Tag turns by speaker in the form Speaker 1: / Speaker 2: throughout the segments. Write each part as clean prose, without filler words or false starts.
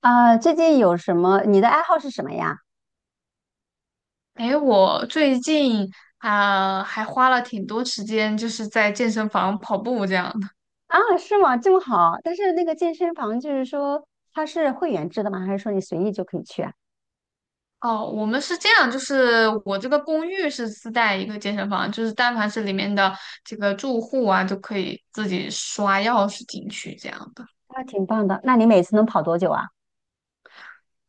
Speaker 1: 啊，最近有什么？你的爱好是什么呀？
Speaker 2: 诶，我最近还花了挺多时间，就是在健身房跑步这样的。
Speaker 1: 啊，是吗？这么好，但是那个健身房就是说它是会员制的吗？还是说你随意就可以去啊？
Speaker 2: 哦，我们是这样，就是我这个公寓是自带一个健身房，就是但凡是里面的这个住户啊，就可以自己刷钥匙进去这样的。
Speaker 1: 那挺棒的。那你每次能跑多久啊？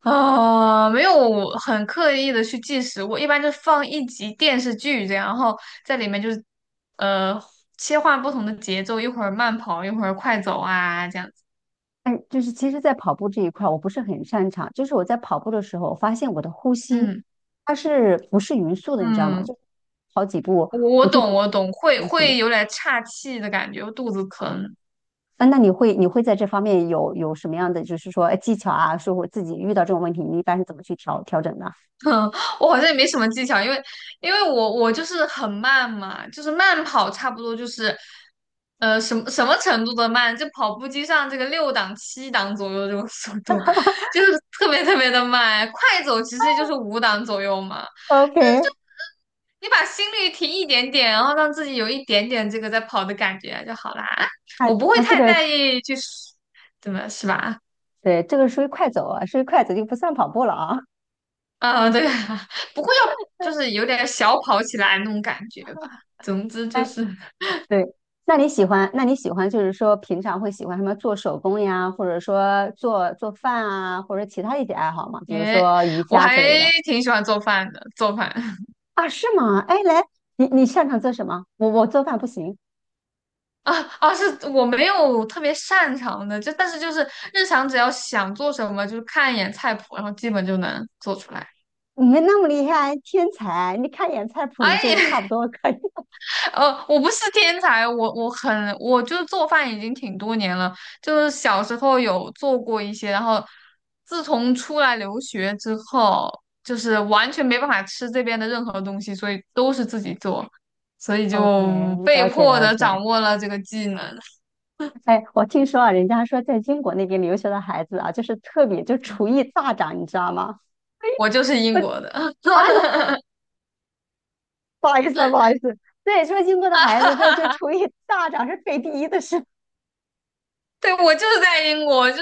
Speaker 2: 没有很刻意的去计时，我一般就放一集电视剧这样，然后在里面就是呃切换不同的节奏，一会儿慢跑，一会儿快走啊这样子。
Speaker 1: 哎，就是其实，在跑步这一块我不是很擅长，就是我在跑步的时候，我发现我的呼吸
Speaker 2: 嗯
Speaker 1: 它是不是匀速的，你知道吗？
Speaker 2: 嗯。
Speaker 1: 就跑几步
Speaker 2: 我
Speaker 1: 我就
Speaker 2: 懂，
Speaker 1: 整
Speaker 2: 我懂，会
Speaker 1: 呼吸了。
Speaker 2: 会有点岔气的感觉，肚子疼。
Speaker 1: 啊，那你会在这方面有什么样的，就是说哎技巧啊，说我自己遇到这种问题，你一般是怎么去调整的
Speaker 2: 我好像也没什么技巧，因为我就是很慢嘛，就是慢跑，差不多就是，什么程度的慢，就跑步机上这个六档七档左右这种速度，就是特别特别的慢。快走其实就是五档左右嘛，
Speaker 1: ？OK，
Speaker 2: 你把心率提一点点，然后让自己有一点点这个在跑的感觉就好啦。
Speaker 1: 那
Speaker 2: 我不会
Speaker 1: 那这
Speaker 2: 太
Speaker 1: 个
Speaker 2: 在意去，怎么是吧？
Speaker 1: 对，这个属于快走啊，属于快走就不算跑步了啊。
Speaker 2: 啊，对啊，不过要就是 有点小跑起来那种感觉吧。总之就
Speaker 1: 哎，
Speaker 2: 是，
Speaker 1: 对，那你喜欢就是说平常会喜欢什么做手工呀，或者说做做饭啊，或者其他一些爱好吗？比如
Speaker 2: 哎，
Speaker 1: 说瑜
Speaker 2: 我
Speaker 1: 伽
Speaker 2: 还
Speaker 1: 之类的
Speaker 2: 挺喜欢做饭的，做饭
Speaker 1: 啊，是吗？哎，来，你擅长做什么？我做饭不行。
Speaker 2: 啊是我没有特别擅长的，就但是就是日常只要想做什么，就是看一眼菜谱，然后基本就能做出来。
Speaker 1: 你们那么厉害，天才！你看一眼菜谱，你就差不多可以。
Speaker 2: 我不是天才，我就是做饭已经挺多年了，就是小时候有做过一些，然后自从出来留学之后，就是完全没办法吃这边的任何东西，所以都是自己做，所以
Speaker 1: OK，
Speaker 2: 就被
Speaker 1: 了解
Speaker 2: 迫
Speaker 1: 了
Speaker 2: 的
Speaker 1: 解。
Speaker 2: 掌握了这个技能。
Speaker 1: 哎，我听说啊，人家说在英国那边留学的孩子啊，就是特别就厨艺大涨，你知道吗？
Speaker 2: 我就是
Speaker 1: 我
Speaker 2: 英国的，
Speaker 1: 啊，不好意思啊，不好意思，对，说英国的孩子说就厨艺大涨是排第一的事，
Speaker 2: 对，我就是在英国，就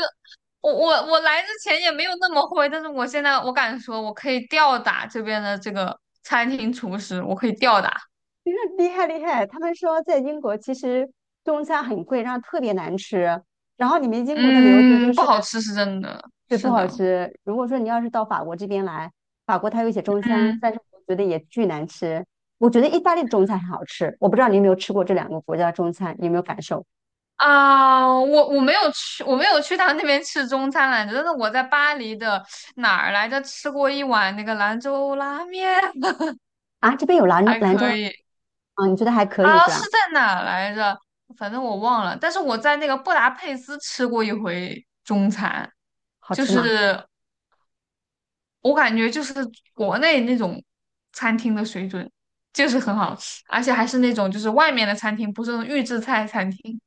Speaker 2: 我来之前也没有那么会，但是我现在我敢说，我可以吊打这边的这个餐厅厨师，我可以吊打。
Speaker 1: 你说厉害厉害。他们说在英国其实中餐很贵，然后特别难吃，然后你们英国的留子就
Speaker 2: 嗯，不
Speaker 1: 是。
Speaker 2: 好吃是真的，
Speaker 1: 对，不
Speaker 2: 是
Speaker 1: 好
Speaker 2: 的，
Speaker 1: 吃。如果说你要是到法国这边来，法国它有一些中餐，
Speaker 2: 嗯
Speaker 1: 但是我觉得也巨难吃。我觉得意大利的中餐很好吃，我不知道你有没有吃过这两个国家的中餐，你有没有感受
Speaker 2: 啊，我没有去，我没有去他那边吃中餐来着，但是我在巴黎的哪儿来着吃过一碗那个兰州拉面，
Speaker 1: 啊？这边有兰州
Speaker 2: 还
Speaker 1: 兰州
Speaker 2: 可
Speaker 1: 拉
Speaker 2: 以
Speaker 1: 啊，你觉得还可以
Speaker 2: 啊，
Speaker 1: 是
Speaker 2: 是
Speaker 1: 吧？
Speaker 2: 在哪儿来着？反正我忘了，但是我在那个布达佩斯吃过一回中餐，
Speaker 1: 好
Speaker 2: 就
Speaker 1: 吃吗？
Speaker 2: 是我感觉就是国内那种餐厅的水准，就是很好吃，而且还是那种就是外面的餐厅，不是那种预制菜餐厅。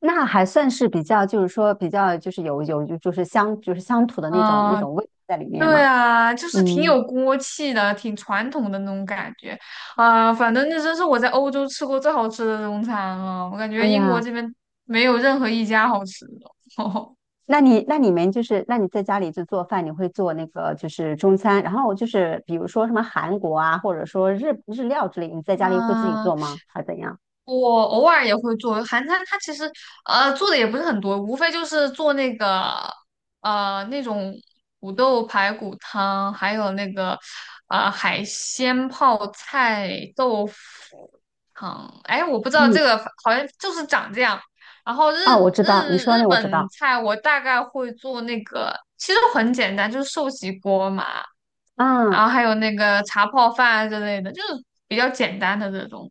Speaker 1: 那还算是比较，就是说比较就是有就是乡土的那种那
Speaker 2: 嗯，
Speaker 1: 种味道在里面
Speaker 2: 对
Speaker 1: 嘛。
Speaker 2: 啊，就是挺
Speaker 1: 嗯，
Speaker 2: 有锅气的，挺传统的那种感觉啊，反正那真是我在欧洲吃过最好吃的中餐了，我感
Speaker 1: 哎
Speaker 2: 觉英国
Speaker 1: 呀。
Speaker 2: 这边没有任何一家好吃的。
Speaker 1: 那你们就是那你在家里就做饭，你会做那个就是中餐，然后就是比如说什么韩国啊，或者说日料之类，你在家里会自己
Speaker 2: 嗯。
Speaker 1: 做吗？还是怎样？
Speaker 2: 我偶尔也会做韩餐，它其实做的也不是很多，无非就是做那个那种土豆排骨汤，还有那个海鲜泡菜豆腐汤。哎，我不知道这
Speaker 1: 嗯，
Speaker 2: 个好像就是长这样。然后
Speaker 1: 哦，我知道，你说那
Speaker 2: 日
Speaker 1: 我知
Speaker 2: 本
Speaker 1: 道，
Speaker 2: 菜我大概会做那个，其实很简单，就是寿喜锅嘛。
Speaker 1: 嗯，
Speaker 2: 然后还有那个茶泡饭之类的，就是比较简单的这种，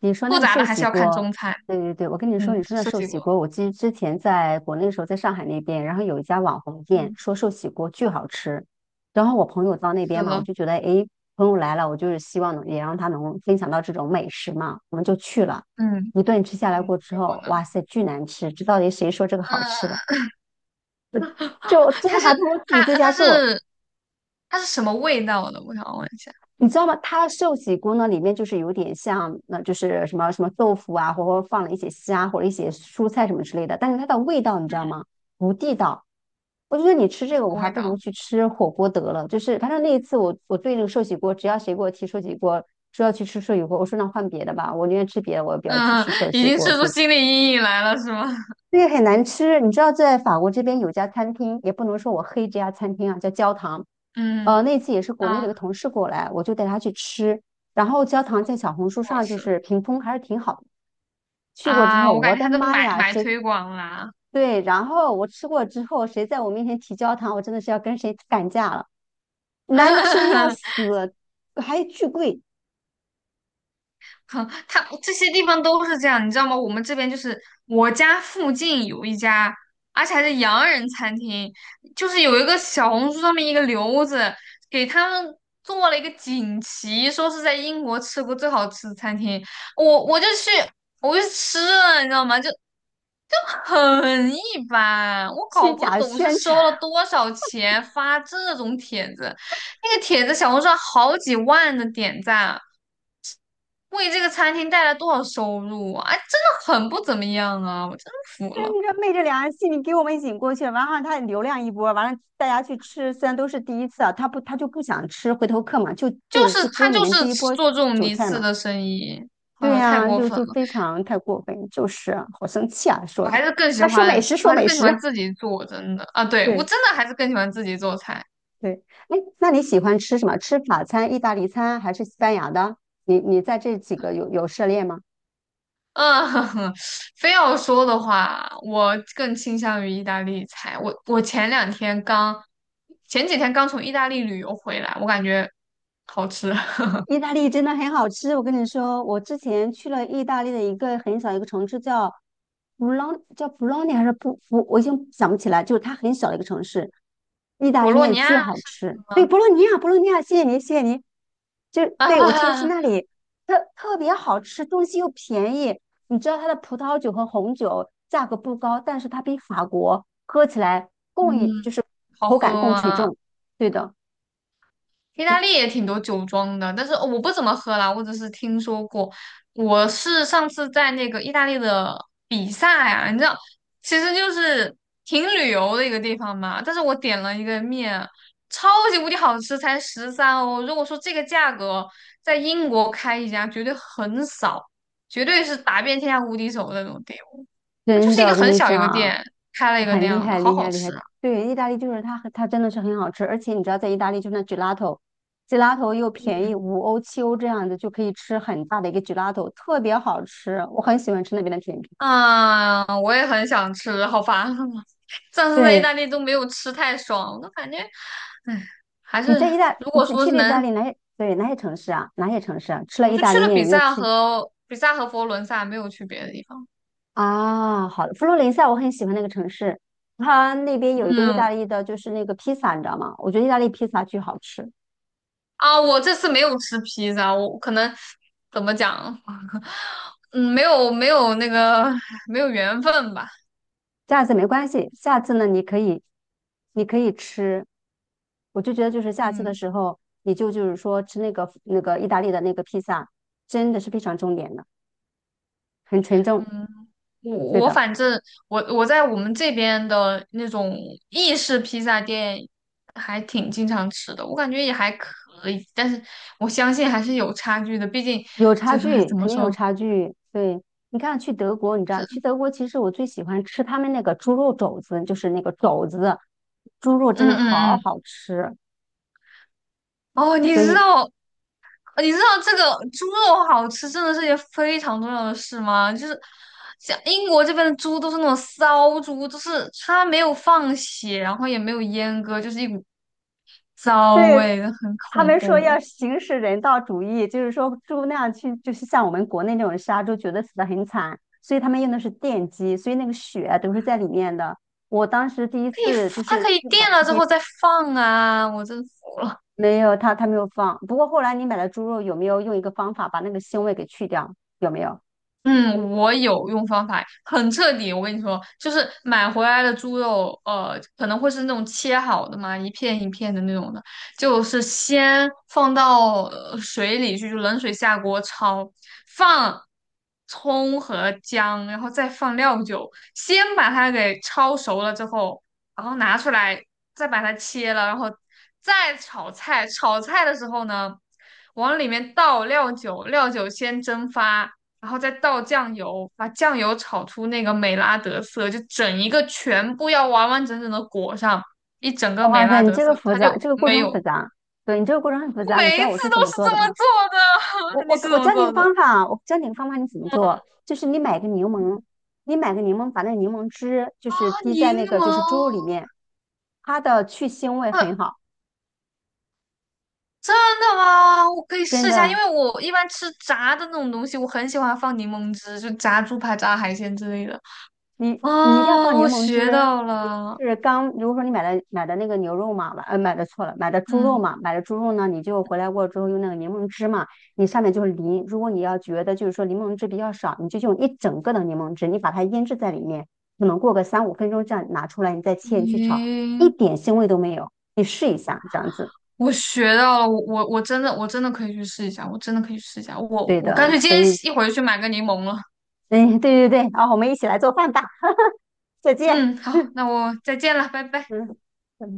Speaker 1: 你说那
Speaker 2: 复
Speaker 1: 个
Speaker 2: 杂
Speaker 1: 寿
Speaker 2: 的还
Speaker 1: 喜
Speaker 2: 是要看
Speaker 1: 锅，
Speaker 2: 中餐。
Speaker 1: 对对对，我跟你说，
Speaker 2: 嗯，
Speaker 1: 你说那
Speaker 2: 涉
Speaker 1: 寿
Speaker 2: 及
Speaker 1: 喜
Speaker 2: 过，
Speaker 1: 锅，我记之前在国内的时候，在上海那边，然后有一家网红店
Speaker 2: 嗯，
Speaker 1: 说寿喜锅巨好吃，然后我朋友到那
Speaker 2: 是
Speaker 1: 边嘛，我
Speaker 2: 了，
Speaker 1: 就觉得，诶，朋友来了，我就是希望能也让他能分享到这种美食嘛，我们就去了，
Speaker 2: 嗯，
Speaker 1: 一顿吃下来过之
Speaker 2: 结果
Speaker 1: 后，
Speaker 2: 呢？
Speaker 1: 哇塞，巨难吃，这到底谁说这个好
Speaker 2: 嗯，
Speaker 1: 吃的？就真
Speaker 2: 它
Speaker 1: 的
Speaker 2: 是
Speaker 1: 还不如自己在
Speaker 2: 它它
Speaker 1: 家做。
Speaker 2: 是它是什么味道的？我想问一下，
Speaker 1: 你知道吗？它的寿喜锅呢，里面就是有点像，那、就是什么什么豆腐啊，或者放了一些虾或者一些蔬菜什么之类的，但是它的味道你知
Speaker 2: 嗯，
Speaker 1: 道吗？不地道。我觉得你吃这
Speaker 2: 什
Speaker 1: 个，我
Speaker 2: 么
Speaker 1: 还
Speaker 2: 味
Speaker 1: 不如
Speaker 2: 道？
Speaker 1: 去吃火锅得了。就是反正那一次我，我对那个寿喜锅，只要谁给我提寿喜锅，说要去吃寿喜锅，我说那换别的吧，我宁愿吃别的，我也不要去
Speaker 2: 嗯，
Speaker 1: 吃寿
Speaker 2: 已
Speaker 1: 喜
Speaker 2: 经
Speaker 1: 锅
Speaker 2: 吃出
Speaker 1: 这种。
Speaker 2: 心理阴影来了是吗？
Speaker 1: 个很难吃。你知道，在法国这边有一家餐厅，也不能说我黑这家餐厅啊，叫焦糖。
Speaker 2: 嗯
Speaker 1: 那次也是国内的
Speaker 2: 啊，
Speaker 1: 一
Speaker 2: 不
Speaker 1: 个同事过来，我就带他去吃。然后焦糖在小红书
Speaker 2: 好
Speaker 1: 上就
Speaker 2: 吃
Speaker 1: 是评分还是挺好的。去过之
Speaker 2: 啊，
Speaker 1: 后，
Speaker 2: 我感
Speaker 1: 我
Speaker 2: 觉他
Speaker 1: 的
Speaker 2: 都
Speaker 1: 妈
Speaker 2: 买
Speaker 1: 呀，
Speaker 2: 买
Speaker 1: 谁
Speaker 2: 推广啦。
Speaker 1: 对？然后我吃过之后，谁在我面前提焦糖，我真的是要跟谁干架了，难吃的要 死，还巨贵，
Speaker 2: 哼，他这些地方都是这样，你知道吗？我们这边就是我家附近有一家，而且还是洋人餐厅，就是有一个小红书上面一个留子给他们做了一个锦旗，说是在英国吃过最好吃的餐厅。我就去，我就去吃了，你知道吗？就很一般，我搞
Speaker 1: 虚
Speaker 2: 不
Speaker 1: 假
Speaker 2: 懂是
Speaker 1: 宣传。
Speaker 2: 收了多少钱发这种帖子，那个帖子小红书上好几万的点赞，为这个餐厅带来多少收入啊！哎，真的很不怎么样啊，我真服
Speaker 1: 但是
Speaker 2: 了。
Speaker 1: 你知道昧着良心，戏你给我们引过去了完了他流量一波，完了大家去吃，虽然都是第一次啊，他就不想吃回头客嘛，就就就
Speaker 2: 他
Speaker 1: 割你
Speaker 2: 就
Speaker 1: 们
Speaker 2: 是
Speaker 1: 这一波
Speaker 2: 做这种
Speaker 1: 韭
Speaker 2: 一
Speaker 1: 菜
Speaker 2: 次
Speaker 1: 嘛。
Speaker 2: 的生意，哎
Speaker 1: 对
Speaker 2: 呦，太
Speaker 1: 呀、啊
Speaker 2: 过
Speaker 1: 就
Speaker 2: 分
Speaker 1: 就
Speaker 2: 了！
Speaker 1: 非常太过分，就是啊好生气啊，
Speaker 2: 我
Speaker 1: 说着。
Speaker 2: 还是更喜
Speaker 1: 那说美
Speaker 2: 欢，
Speaker 1: 食，
Speaker 2: 我
Speaker 1: 说
Speaker 2: 还是
Speaker 1: 美
Speaker 2: 更喜
Speaker 1: 食。
Speaker 2: 欢自己做，真的啊，对，我
Speaker 1: 对
Speaker 2: 真的还是更喜欢自己做菜。
Speaker 1: 对，哎，那你喜欢吃什么？吃法餐、意大利餐还是西班牙的？你在这几个有涉猎吗？
Speaker 2: 嗯，非要说的话，我更倾向于意大利菜。我我前两天刚，前几天刚从意大利旅游回来，我感觉好吃，
Speaker 1: 意大利真的很好吃，我跟你说，我之前去了意大利的一个很小一个城市叫布朗，叫布朗尼还是布布，我已经想不起来，就是它很小的一个城市，意 大
Speaker 2: 博
Speaker 1: 利
Speaker 2: 洛
Speaker 1: 面
Speaker 2: 尼亚
Speaker 1: 巨好吃。对，博洛尼亚，博洛尼亚，谢谢您，谢谢您。就对我去的是
Speaker 2: 啊，
Speaker 1: 那里，特别好吃，东西又便宜。你知道它的葡萄酒和红酒价格不高，但是它比法国喝起来 更就
Speaker 2: 嗯，
Speaker 1: 是
Speaker 2: 好
Speaker 1: 口
Speaker 2: 喝
Speaker 1: 感更纯
Speaker 2: 吗？
Speaker 1: 正。对的，
Speaker 2: 意大利也挺多酒庄的，但是我不怎么喝啦，我只是听说过。我是上次在那个意大利的比萨呀，你知道，其实就是挺旅游的一个地方嘛。但是我点了一个面，超级无敌好吃，才13 欧。如果说这个价格在英国开一家，绝对很少，绝对是打遍天下无敌手的那种店。那就
Speaker 1: 真
Speaker 2: 是一
Speaker 1: 的，我
Speaker 2: 个
Speaker 1: 跟
Speaker 2: 很
Speaker 1: 你
Speaker 2: 小一个
Speaker 1: 讲。
Speaker 2: 店，开了一个那
Speaker 1: 很厉
Speaker 2: 样的，
Speaker 1: 害，
Speaker 2: 好
Speaker 1: 厉
Speaker 2: 好
Speaker 1: 害，厉害！
Speaker 2: 吃啊！
Speaker 1: 对，意大利就是它很，它真的是很好吃，而且你知道，在意大利就是那 gelato，gelato 又便宜，
Speaker 2: 嗯。
Speaker 1: 5欧7欧这样子就可以吃很大的一个 gelato，特别好吃，我很喜欢吃那边的甜品。
Speaker 2: 啊，我也很想吃，好烦啊！上次在意
Speaker 1: 对，
Speaker 2: 大利都没有吃太爽，我感觉，唉，还
Speaker 1: 你
Speaker 2: 是
Speaker 1: 在意大，
Speaker 2: 如
Speaker 1: 你
Speaker 2: 果
Speaker 1: 自己
Speaker 2: 说
Speaker 1: 去
Speaker 2: 是
Speaker 1: 了意大
Speaker 2: 能，
Speaker 1: 利哪些？对，哪些城市啊？哪些城市啊？吃了
Speaker 2: 我
Speaker 1: 意
Speaker 2: 就
Speaker 1: 大
Speaker 2: 去
Speaker 1: 利
Speaker 2: 了
Speaker 1: 面有没有吃
Speaker 2: 比萨和佛罗伦萨，没有去别的地方。
Speaker 1: 啊？好的，佛罗伦萨我很喜欢那个城市，它那边有一个意大
Speaker 2: 嗯，
Speaker 1: 利的，就是那个披萨，你知道吗？我觉得意大利披萨巨好吃。
Speaker 2: 啊，我这次没有吃披萨，我可能怎么讲，嗯，没有缘分吧，
Speaker 1: 下次没关系，下次呢你可以，你可以吃。我就觉得就是下次的
Speaker 2: 嗯。
Speaker 1: 时候，你就就是说吃那个那个意大利的那个披萨，真的是非常重点的，很纯正。
Speaker 2: 嗯，我
Speaker 1: 对
Speaker 2: 我
Speaker 1: 的，
Speaker 2: 反正我在我们这边的那种意式披萨店还挺经常吃的，我感觉也还可以，但是我相信还是有差距的，毕竟
Speaker 1: 有差
Speaker 2: 就是
Speaker 1: 距，
Speaker 2: 怎么
Speaker 1: 肯定有
Speaker 2: 说
Speaker 1: 差距。对，你看去德国，你知道去
Speaker 2: 是
Speaker 1: 德国，其实我最喜欢吃他们那个猪肉肘子，就是那个肘子，猪肉真
Speaker 2: 嗯
Speaker 1: 的
Speaker 2: 嗯
Speaker 1: 好
Speaker 2: 嗯
Speaker 1: 好吃。
Speaker 2: 哦，
Speaker 1: 所以
Speaker 2: 你知道这个猪肉好吃真的是一件非常重要的事吗？就是像英国这边的猪都是那种骚猪，就是它没有放血，然后也没有阉割，就是一股骚
Speaker 1: 对，
Speaker 2: 味，很
Speaker 1: 他
Speaker 2: 恐
Speaker 1: 们说要
Speaker 2: 怖。
Speaker 1: 行使人道主义，就是说猪那样去，就是像我们国内那种杀猪，觉得死的很惨，所以他们用的是电击，所以那个血啊都是在里面的。我当时第一
Speaker 2: 可以，
Speaker 1: 次就
Speaker 2: 它
Speaker 1: 是
Speaker 2: 可以垫
Speaker 1: 买这
Speaker 2: 了之
Speaker 1: 边
Speaker 2: 后再放啊！我真服了。
Speaker 1: 没有，他没有放。不过后来你买的猪肉有没有用一个方法把那个腥味给去掉？有没有？
Speaker 2: 嗯，我有用方法，很彻底。我跟你说，就是买回来的猪肉，可能会是那种切好的嘛，一片一片的那种的，就是先放到水里去，就冷水下锅焯，放葱和姜，然后再放料酒，先把它给焯熟了之后，然后拿出来，再把它切了，然后再炒菜。炒菜的时候呢，往里面倒料酒，料酒先蒸发。然后再倒酱油，把酱油炒出那个美拉德色，就整一个全部要完完整整的裹上一整个美
Speaker 1: 哇塞，
Speaker 2: 拉
Speaker 1: 你
Speaker 2: 德
Speaker 1: 这
Speaker 2: 色，
Speaker 1: 个复
Speaker 2: 它
Speaker 1: 杂，
Speaker 2: 就
Speaker 1: 这个过
Speaker 2: 没
Speaker 1: 程
Speaker 2: 有。
Speaker 1: 复杂。对，你这个过程很复
Speaker 2: 我
Speaker 1: 杂，你知
Speaker 2: 每一
Speaker 1: 道
Speaker 2: 次
Speaker 1: 我是
Speaker 2: 都
Speaker 1: 怎么
Speaker 2: 是
Speaker 1: 做
Speaker 2: 这
Speaker 1: 的
Speaker 2: 么
Speaker 1: 吗？
Speaker 2: 做
Speaker 1: 我
Speaker 2: 的，
Speaker 1: 我
Speaker 2: 你是
Speaker 1: 我
Speaker 2: 怎么
Speaker 1: 教你一个
Speaker 2: 做
Speaker 1: 方
Speaker 2: 的？
Speaker 1: 法，我教你一个方法，你怎么做？就是你买个柠檬，
Speaker 2: 嗯
Speaker 1: 你买个柠檬，把那柠檬汁就
Speaker 2: 啊，
Speaker 1: 是滴在
Speaker 2: 柠
Speaker 1: 那个就
Speaker 2: 檬，
Speaker 1: 是猪肉里面，它的去腥味
Speaker 2: 呃，
Speaker 1: 很好，
Speaker 2: 真的吗？我可以
Speaker 1: 真
Speaker 2: 试一下，因
Speaker 1: 的。
Speaker 2: 为我一般吃炸的那种东西，我很喜欢放柠檬汁，就炸猪排、炸海鲜之类的。
Speaker 1: 你一定要
Speaker 2: 啊，
Speaker 1: 放柠
Speaker 2: 我
Speaker 1: 檬
Speaker 2: 学
Speaker 1: 汁。
Speaker 2: 到
Speaker 1: 你
Speaker 2: 了，
Speaker 1: 就是刚，如果说你买的那个牛肉嘛，买的错了，买的猪肉
Speaker 2: 嗯，
Speaker 1: 嘛，买的猪肉呢，你就回来过之后用那个柠檬汁嘛，你上面就是淋。如果你要觉得就是说柠檬汁比较少，你就用一整个的柠檬汁，你把它腌制在里面，可能过个3-5分钟这样拿出来，你再切你去炒，一
Speaker 2: 行，
Speaker 1: 点腥味都没有。你试一下这样子，
Speaker 2: 我学到了，我真的可以去试一下，我真的可以去试一下，我
Speaker 1: 对
Speaker 2: 我干
Speaker 1: 的。
Speaker 2: 脆今
Speaker 1: 所
Speaker 2: 天
Speaker 1: 以，
Speaker 2: 一会儿就去买个柠檬了。
Speaker 1: 嗯，对对对，啊，我们一起来做饭吧，再见。
Speaker 2: 嗯，好，那我再见了，拜拜。
Speaker 1: 嗯嗯。